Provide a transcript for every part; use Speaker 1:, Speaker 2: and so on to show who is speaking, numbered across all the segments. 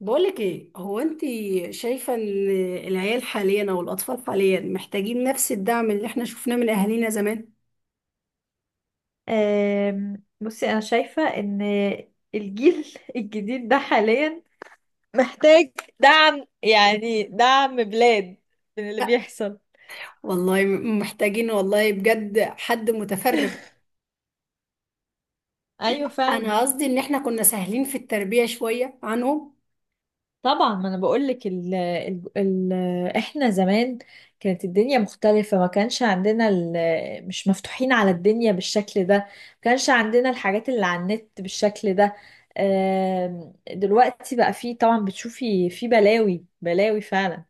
Speaker 1: بقولك ايه هو انت شايفة ان العيال حاليا او الاطفال حاليا محتاجين نفس الدعم اللي احنا شفناه من اهالينا زمان؟
Speaker 2: بصي، انا شايفة ان الجيل الجديد ده حاليا محتاج دعم، يعني دعم بلاد من اللي
Speaker 1: لا
Speaker 2: بيحصل.
Speaker 1: والله محتاجين، والله بجد حد متفرغ.
Speaker 2: ايوه، فعلا.
Speaker 1: انا قصدي ان احنا كنا سهلين في التربية شوية عنهم.
Speaker 2: طبعا، ما انا بقول لك، ال ال ال احنا زمان كانت الدنيا مختلفة، ما كانش عندنا مش مفتوحين على الدنيا بالشكل ده، ما كانش عندنا الحاجات اللي على النت بالشكل ده. دلوقتي بقى فيه، طبعا بتشوفي، فيه بلاوي بلاوي فعلا.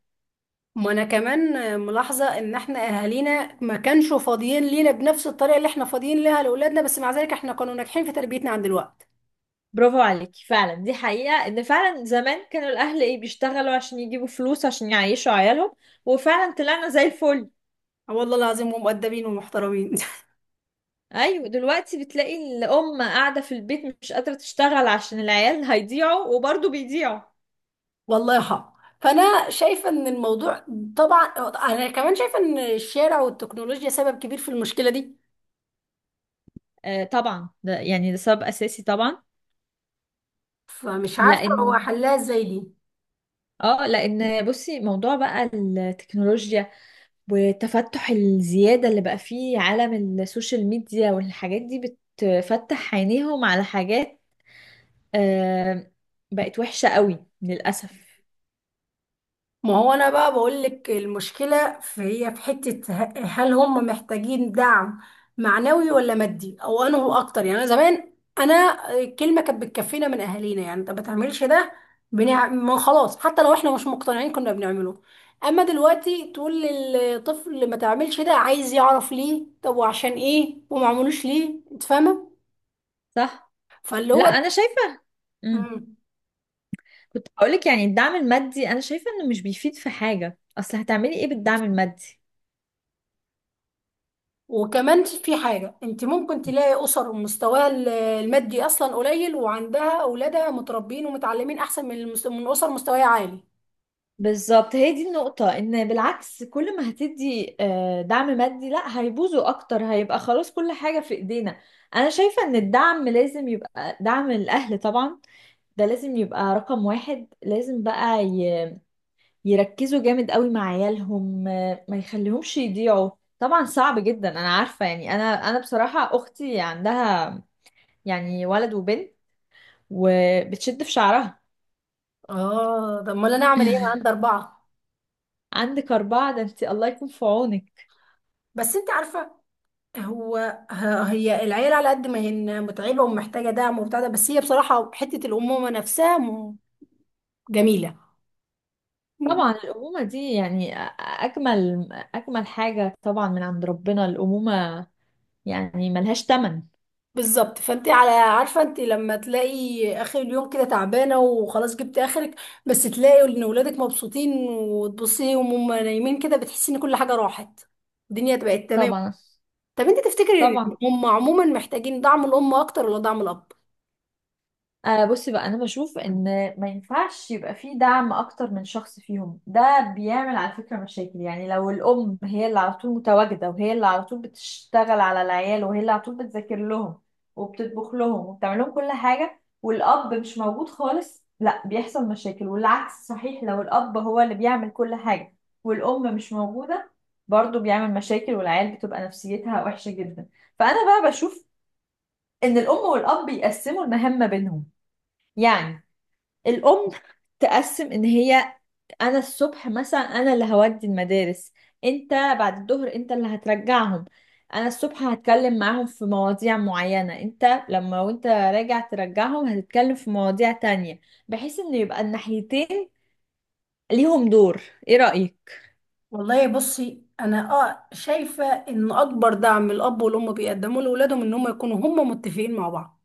Speaker 1: ما انا كمان ملاحظة ان احنا اهالينا ما كانش فاضيين لينا بنفس الطريقة اللي احنا فاضيين ليها لاولادنا، بس مع ذلك احنا كانوا ناجحين في تربيتنا عند الوقت.
Speaker 2: برافو عليكي، فعلا دي حقيقة، ان فعلا زمان كانوا الاهل ايه بيشتغلوا عشان يجيبوا فلوس عشان يعيشوا عيالهم، وفعلا طلعنا زي الفل.
Speaker 1: آه والله العظيم، ومؤدبين ومحترمين
Speaker 2: ايوه، دلوقتي بتلاقي الام قاعدة في البيت مش قادرة تشتغل عشان العيال هيضيعوا، وبرضه بيضيعوا.
Speaker 1: والله، فانا شايفه ان الموضوع، طبعا انا كمان شايفه ان الشارع والتكنولوجيا سبب كبير في المشكله دي.
Speaker 2: آه طبعا، ده يعني ده سبب اساسي طبعا.
Speaker 1: فمش عارفه هو
Speaker 2: لان
Speaker 1: حلها ازاي دي.
Speaker 2: اه لان بصي، موضوع بقى التكنولوجيا والتفتح الزيادة اللي بقى فيه عالم السوشيال ميديا، والحاجات دي بتفتح عينيهم على حاجات آه بقت وحشة قوي للأسف.
Speaker 1: ما هو انا بقى بقول لك المشكله في هي في حته، هل هم محتاجين دعم معنوي ولا مادي، او انه اكتر؟ يعني انا زمان، انا كلمه كانت بتكفينا من اهالينا. يعني انت ما بتعملش ده، ما خلاص، حتى لو احنا مش مقتنعين كنا بنعمله. اما دلوقتي تقول للطفل ما تعملش ده، عايز يعرف ليه، طب وعشان ايه، وما عملوش ليه، انت فاهمه.
Speaker 2: صح.
Speaker 1: فاللي
Speaker 2: لا أنا شايفة. مم.
Speaker 1: هو
Speaker 2: كنت هقولك، يعني الدعم المادي أنا شايفة إنه مش بيفيد في حاجة، أصل هتعملي إيه بالدعم المادي؟
Speaker 1: وكمان في حاجة، انت ممكن تلاقي اسر مستواها المادي اصلا قليل وعندها اولادها متربين ومتعلمين احسن من من اسر مستواها عالي.
Speaker 2: بالظبط، هي دي النقطة، إن بالعكس كل ما هتدي دعم مادي لا هيبوظوا أكتر، هيبقى خلاص كل حاجة في إيدينا. أنا شايفة إن الدعم لازم يبقى دعم الأهل طبعا، ده لازم يبقى رقم واحد. لازم بقى يركزوا جامد قوي مع عيالهم، ما يخليهمش يضيعوا. طبعا صعب جدا، انا عارفة، يعني انا بصراحة اختي عندها يعني ولد وبنت، وبتشد في شعرها.
Speaker 1: اه، طب امال انا اعمل ايه، انا عندي اربعة.
Speaker 2: عندك أربعة، ده انت الله يكون في عونك.
Speaker 1: بس انت عارفة، هو آه، هي العيلة على قد ما هي متعبة ومحتاجة دعم وبتاع ده، بس هي بصراحة حتة الامومة نفسها جميلة.
Speaker 2: طبعا الأمومة دي، يعني أجمل حاجة طبعا من عند ربنا الأمومة، يعني ملهاش تمن.
Speaker 1: بالظبط، فانت على عارفه انت لما تلاقي اخر اليوم كده تعبانه وخلاص جبت اخرك، بس تلاقي ان ولادك مبسوطين، وتبصي وهم نايمين كده بتحسي ان كل حاجه راحت، الدنيا بقت تمام.
Speaker 2: طبعا.
Speaker 1: طب انت تفتكري
Speaker 2: طبعا
Speaker 1: ان هم عموما محتاجين دعم الام اكتر ولا دعم الاب؟
Speaker 2: آه، بصي بقى انا بشوف ان ما ينفعش يبقى فيه دعم اكتر من شخص فيهم، ده بيعمل على فكرة مشاكل. يعني لو الام هي اللي على طول متواجدة، وهي اللي على طول بتشتغل على العيال، وهي اللي على طول بتذاكر لهم وبتطبخ لهم وبتعمل لهم كل حاجة، والاب مش موجود خالص، لا بيحصل مشاكل. والعكس صحيح، لو الاب هو اللي بيعمل كل حاجة والام مش موجودة، برضه بيعمل مشاكل، والعيال بتبقى نفسيتها وحشة جدا. فانا بقى بشوف ان الام والاب بيقسموا المهمة بينهم، يعني الأم تقسم إن هي، أنا الصبح مثلا أنا اللي هودي المدارس، أنت بعد الظهر أنت اللي هترجعهم. أنا الصبح هتكلم معاهم في مواضيع معينة، أنت لما وأنت راجع ترجعهم هتتكلم في مواضيع تانية، بحيث إن يبقى الناحيتين ليهم دور. إيه رأيك؟
Speaker 1: والله بصي، انا شايفه ان اكبر دعم الاب والام بيقدموه لاولادهم ان هم يكونوا هم متفقين مع بعض،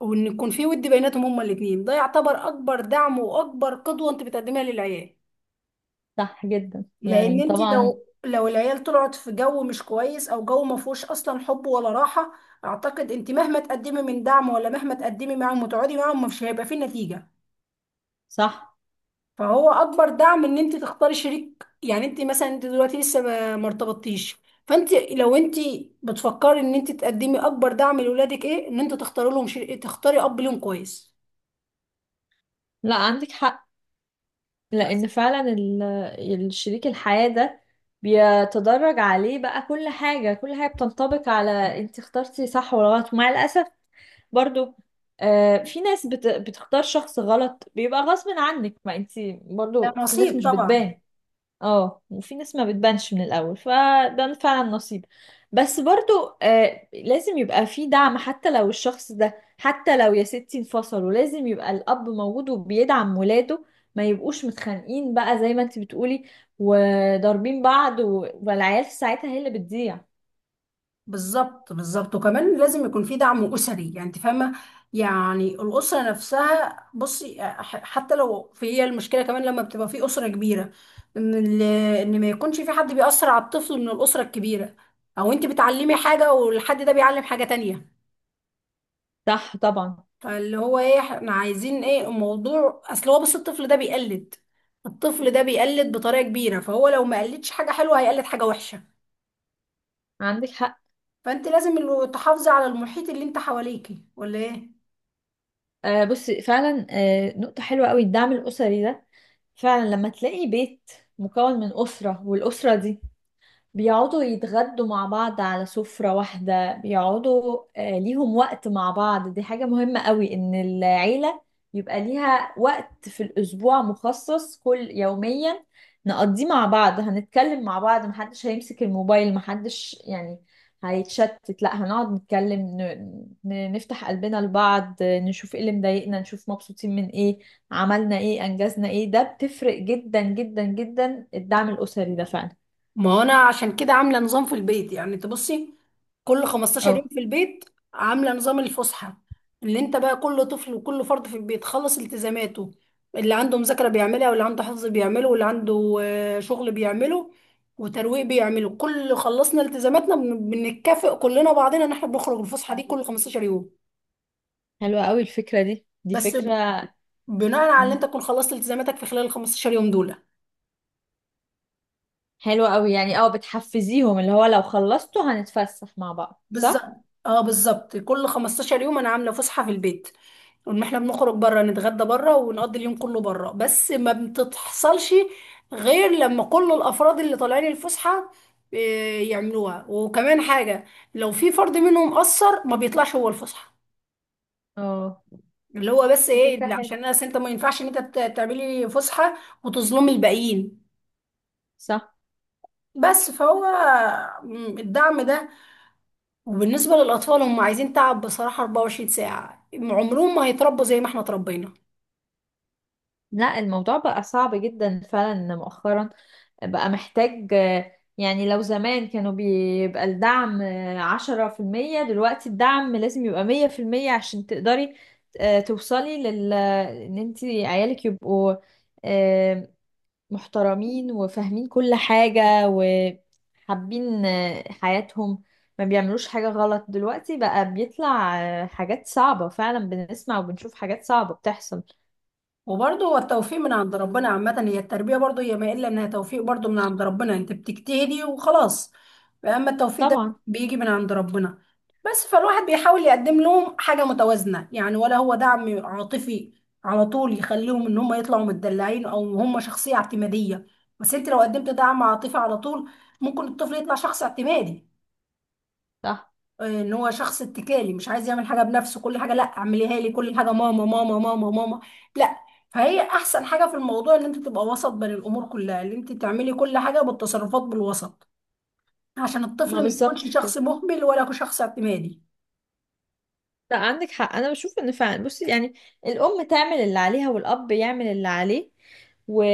Speaker 1: وان يكون في ود بيناتهم هما الاثنين، ده يعتبر اكبر دعم واكبر قدوه انت بتقدمها للعيال.
Speaker 2: صح جدا،
Speaker 1: لان
Speaker 2: يعني
Speaker 1: انت
Speaker 2: طبعا.
Speaker 1: لو العيال طلعت في جو مش كويس او جو ما فيهوش اصلا حب ولا راحه، اعتقد انت مهما تقدمي من دعم، ولا مهما تقدمي معاهم وتقعدي معاهم، مش هيبقى فيه نتيجه.
Speaker 2: صح.
Speaker 1: فهو اكبر دعم ان انت تختاري شريك. يعني انت مثلا، انت دلوقتي لسه ما ارتبطتيش، فانت لو انت بتفكري ان انت تقدمي اكبر دعم لاولادك، ايه؟ ان انت تختاري لهم شريك، تختاري اب ليهم كويس
Speaker 2: لا عندك حق،
Speaker 1: بس.
Speaker 2: لان فعلا الشريك الحياة ده بيتدرج عليه بقى كل حاجة، كل حاجة بتنطبق على انت اخترتي صح ولا غلط. ومع الأسف برضو، في ناس بتختار شخص غلط، بيبقى غصب عنك، ما انت
Speaker 1: ده
Speaker 2: برضو في ناس
Speaker 1: نصيب
Speaker 2: مش
Speaker 1: طبعا.
Speaker 2: بتبان. اه، وفي ناس ما بتبانش من الاول، فده فعلا نصيب. بس برضو آه، لازم يبقى في دعم. حتى لو الشخص ده، حتى لو يا ستي انفصلوا، لازم يبقى الاب موجود وبيدعم ولاده، ما يبقوش متخانقين بقى زي ما انت بتقولي، وضاربين بعض، والعيال في ساعتها هي اللي بتضيع.
Speaker 1: بالظبط بالظبط، وكمان لازم يكون في دعم أسري، يعني انت فاهمة. يعني الأسرة نفسها، بصي حتى لو في هي المشكلة كمان لما بتبقى في أسرة كبيرة، إن ال- إن ما يكونش في حد بيأثر على الطفل من الأسرة الكبيرة، أو انت بتعلمي حاجة والحد ده بيعلم حاجة تانية.
Speaker 2: صح طبعا.
Speaker 1: فاللي هو ايه، احنا عايزين ايه الموضوع؟ أصل هو، بص، الطفل ده بيقلد، الطفل ده بيقلد بطريقة كبيرة، فهو لو ما قلدش حاجة حلوة هيقلد حاجة وحشة.
Speaker 2: عندك حق.
Speaker 1: فانت لازم تحافظي على المحيط اللي انت حواليكي، ولا ايه؟
Speaker 2: آه بصي، فعلا نقطة حلوة قوي الدعم الأسري ده. فعلا لما تلاقي بيت مكون من أسرة، والأسرة دي بيقعدوا يتغدوا مع بعض على سفرة واحدة، بيقعدوا، ليهم وقت مع بعض، دي حاجة مهمة قوي، ان العيلة يبقى ليها وقت في الأسبوع مخصص كل يوميا نقضيه مع بعض، هنتكلم مع بعض، محدش هيمسك الموبايل، محدش يعني هيتشتت، لا هنقعد نتكلم نفتح قلبنا لبعض، نشوف ايه اللي مضايقنا، نشوف مبسوطين من ايه، عملنا ايه، انجزنا ايه. ده بتفرق جدا جدا جدا الدعم الأسري ده فعلا.
Speaker 1: ما هو انا عشان كده عامله نظام في البيت، يعني تبصي، كل 15 يوم
Speaker 2: اه
Speaker 1: في البيت عامله نظام الفسحه، اللي انت بقى كل طفل وكل فرد في البيت خلص التزاماته، اللي عنده مذاكره بيعملها، واللي عنده حفظ بيعمله، واللي عنده شغل بيعمله، وترويق بيعمله، كل خلصنا التزاماتنا بنتكافئ كلنا بعضنا ان احنا بنخرج الفسحه دي كل 15 يوم.
Speaker 2: حلوة قوي الفكرة دي
Speaker 1: بس
Speaker 2: فكرة.
Speaker 1: بناء على ان
Speaker 2: مم.
Speaker 1: انت تكون خلصت التزاماتك في خلال ال 15 يوم دول.
Speaker 2: حلوة قوي، يعني اه بتحفزيهم اللي هو لو خلصتوا هنتفسح مع بعض،
Speaker 1: بالظبط،
Speaker 2: صح؟
Speaker 1: اه بالظبط، كل 15 يوم انا عامله فسحه في البيت، ان احنا بنخرج بره، نتغدى بره، ونقضي اليوم كله بره، بس ما بتحصلش غير لما كل الافراد اللي طالعين الفسحه يعملوها. وكمان حاجه، لو في فرد منهم قصر ما بيطلعش هو الفسحه.
Speaker 2: اه
Speaker 1: اللي هو بس
Speaker 2: دي
Speaker 1: ايه
Speaker 2: فكرة
Speaker 1: اللي، عشان
Speaker 2: حلوة.
Speaker 1: انت ما ينفعش ان انت تعملي فسحه وتظلمي الباقيين.
Speaker 2: صح.
Speaker 1: بس فهو م، الدعم ده، وبالنسبة للأطفال، هم عايزين تعب بصراحة 24 ساعة، عمرهم ما هيتربوا زي ما احنا اتربينا.
Speaker 2: لا الموضوع بقى صعب جدا فعلا مؤخرا، بقى محتاج، يعني لو زمان كانوا بيبقى الدعم 10%، دلوقتي الدعم لازم يبقى 100%، عشان تقدري توصلي لل ان انتي عيالك يبقوا محترمين وفاهمين كل حاجة، وحابين حياتهم، ما بيعملوش حاجة غلط. دلوقتي بقى بيطلع حاجات صعبة فعلا، بنسمع وبنشوف حاجات صعبة بتحصل.
Speaker 1: وبرضه هو التوفيق من عند ربنا. عامة هي التربية برضه، هي ما إلا إنها توفيق برضه من عند ربنا، أنت بتجتهدي وخلاص، أما التوفيق ده
Speaker 2: طبعا.
Speaker 1: بيجي من عند ربنا. بس فالواحد بيحاول يقدم لهم حاجة متوازنة، يعني ولا هو دعم عاطفي على طول يخليهم إن هم يطلعوا متدلعين أو هم شخصية اعتمادية. بس أنت لو قدمت دعم عاطفي على طول، ممكن الطفل يطلع شخص اعتمادي،
Speaker 2: صح.
Speaker 1: ان هو شخص اتكالي مش عايز يعمل حاجه بنفسه، كل حاجه لا اعمليها لي، كل حاجه ماما ماما ماما ماما، لا. فهي احسن حاجه في الموضوع ان انت تبقى وسط بين الامور كلها، ان انت تعملي كل حاجه بالتصرفات بالوسط، عشان
Speaker 2: ما
Speaker 1: الطفل ما
Speaker 2: بالظبط
Speaker 1: يكونش شخص
Speaker 2: كده.
Speaker 1: مهمل ولا شخص اعتمادي.
Speaker 2: لا عندك حق، انا بشوف ان فعلا، بصي يعني الام تعمل اللي عليها والاب يعمل اللي عليه، و...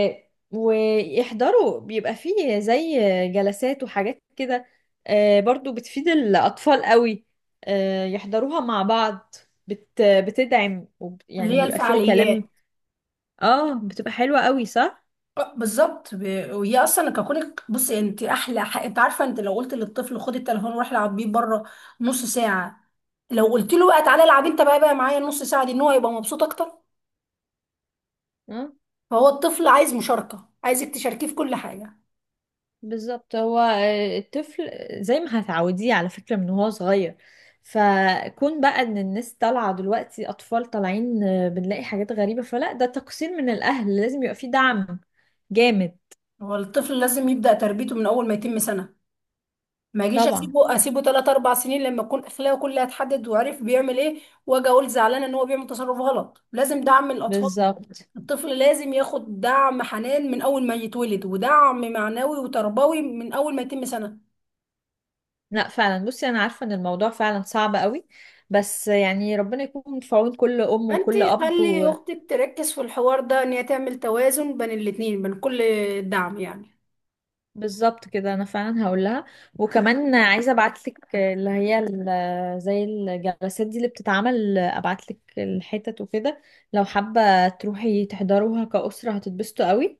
Speaker 2: ويحضروا، بيبقى فيه زي جلسات وحاجات كده، برضو بتفيد الاطفال قوي، يحضروها مع بعض، بتدعم
Speaker 1: اللي
Speaker 2: يعني
Speaker 1: هي
Speaker 2: بيبقى فيها كلام.
Speaker 1: الفعاليات.
Speaker 2: اه بتبقى حلوة قوي، صح.
Speaker 1: آه، بالظبط، وهي اصلا ككونك، بصي انت احلى حق. انت عارفه، انت لو قلت للطفل خد التليفون وروح العب بيه بره نص ساعه، لو قلت له بقى تعالى العب انت بقى معايا النص ساعه دي، ان هو يبقى مبسوط اكتر.
Speaker 2: آه.
Speaker 1: فهو الطفل عايز مشاركة، عايزك تشاركيه في كل حاجة.
Speaker 2: بالظبط، هو الطفل زي ما هتعوديه على فكرة من وهو صغير، فكون بقى ان الناس طالعة دلوقتي اطفال طالعين، بنلاقي حاجات غريبة، فلا ده تقصير من الاهل، لازم يبقى فيه دعم جامد.
Speaker 1: هو الطفل لازم يبدأ تربيته من أول ما يتم سنة، ما أجيش
Speaker 2: طبعا.
Speaker 1: أسيبه تلات أربع سنين لما يكون أخلاقه كلها اتحدد وعرف بيعمل إيه، وأجي أقول زعلانة إن هو بيعمل تصرف غلط. لازم دعم الأطفال.
Speaker 2: بالظبط.
Speaker 1: الطفل لازم ياخد دعم حنان من أول ما يتولد، ودعم معنوي وتربوي من أول ما يتم سنة.
Speaker 2: لا فعلا، بصي انا عارفة ان الموضوع فعلا صعب قوي، بس يعني ربنا يكون في عون كل ام
Speaker 1: أنت
Speaker 2: وكل اب.
Speaker 1: خلي أختك تركز في الحوار ده، إن هي تعمل توازن بين الاتنين، بين كل دعم يعني.
Speaker 2: بالظبط كده، انا فعلا هقول لها. وكمان عايزه ابعت لك اللي هي زي الجلسات دي اللي بتتعمل، ابعت لك الحتت وكده، لو حابه تروحي تحضروها كأسره هتتبسطوا قوي.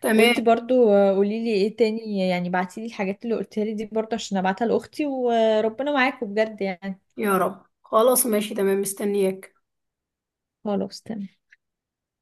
Speaker 1: تمام،
Speaker 2: وانتي برضو قولي لي ايه تاني، يعني بعتي لي الحاجات اللي قلتها لي دي برضو عشان ابعتها لاختي، وربنا معاكم بجد يعني.
Speaker 1: يا رب. خلاص، ماشي، تمام، مستنياك.
Speaker 2: خلاص تمام.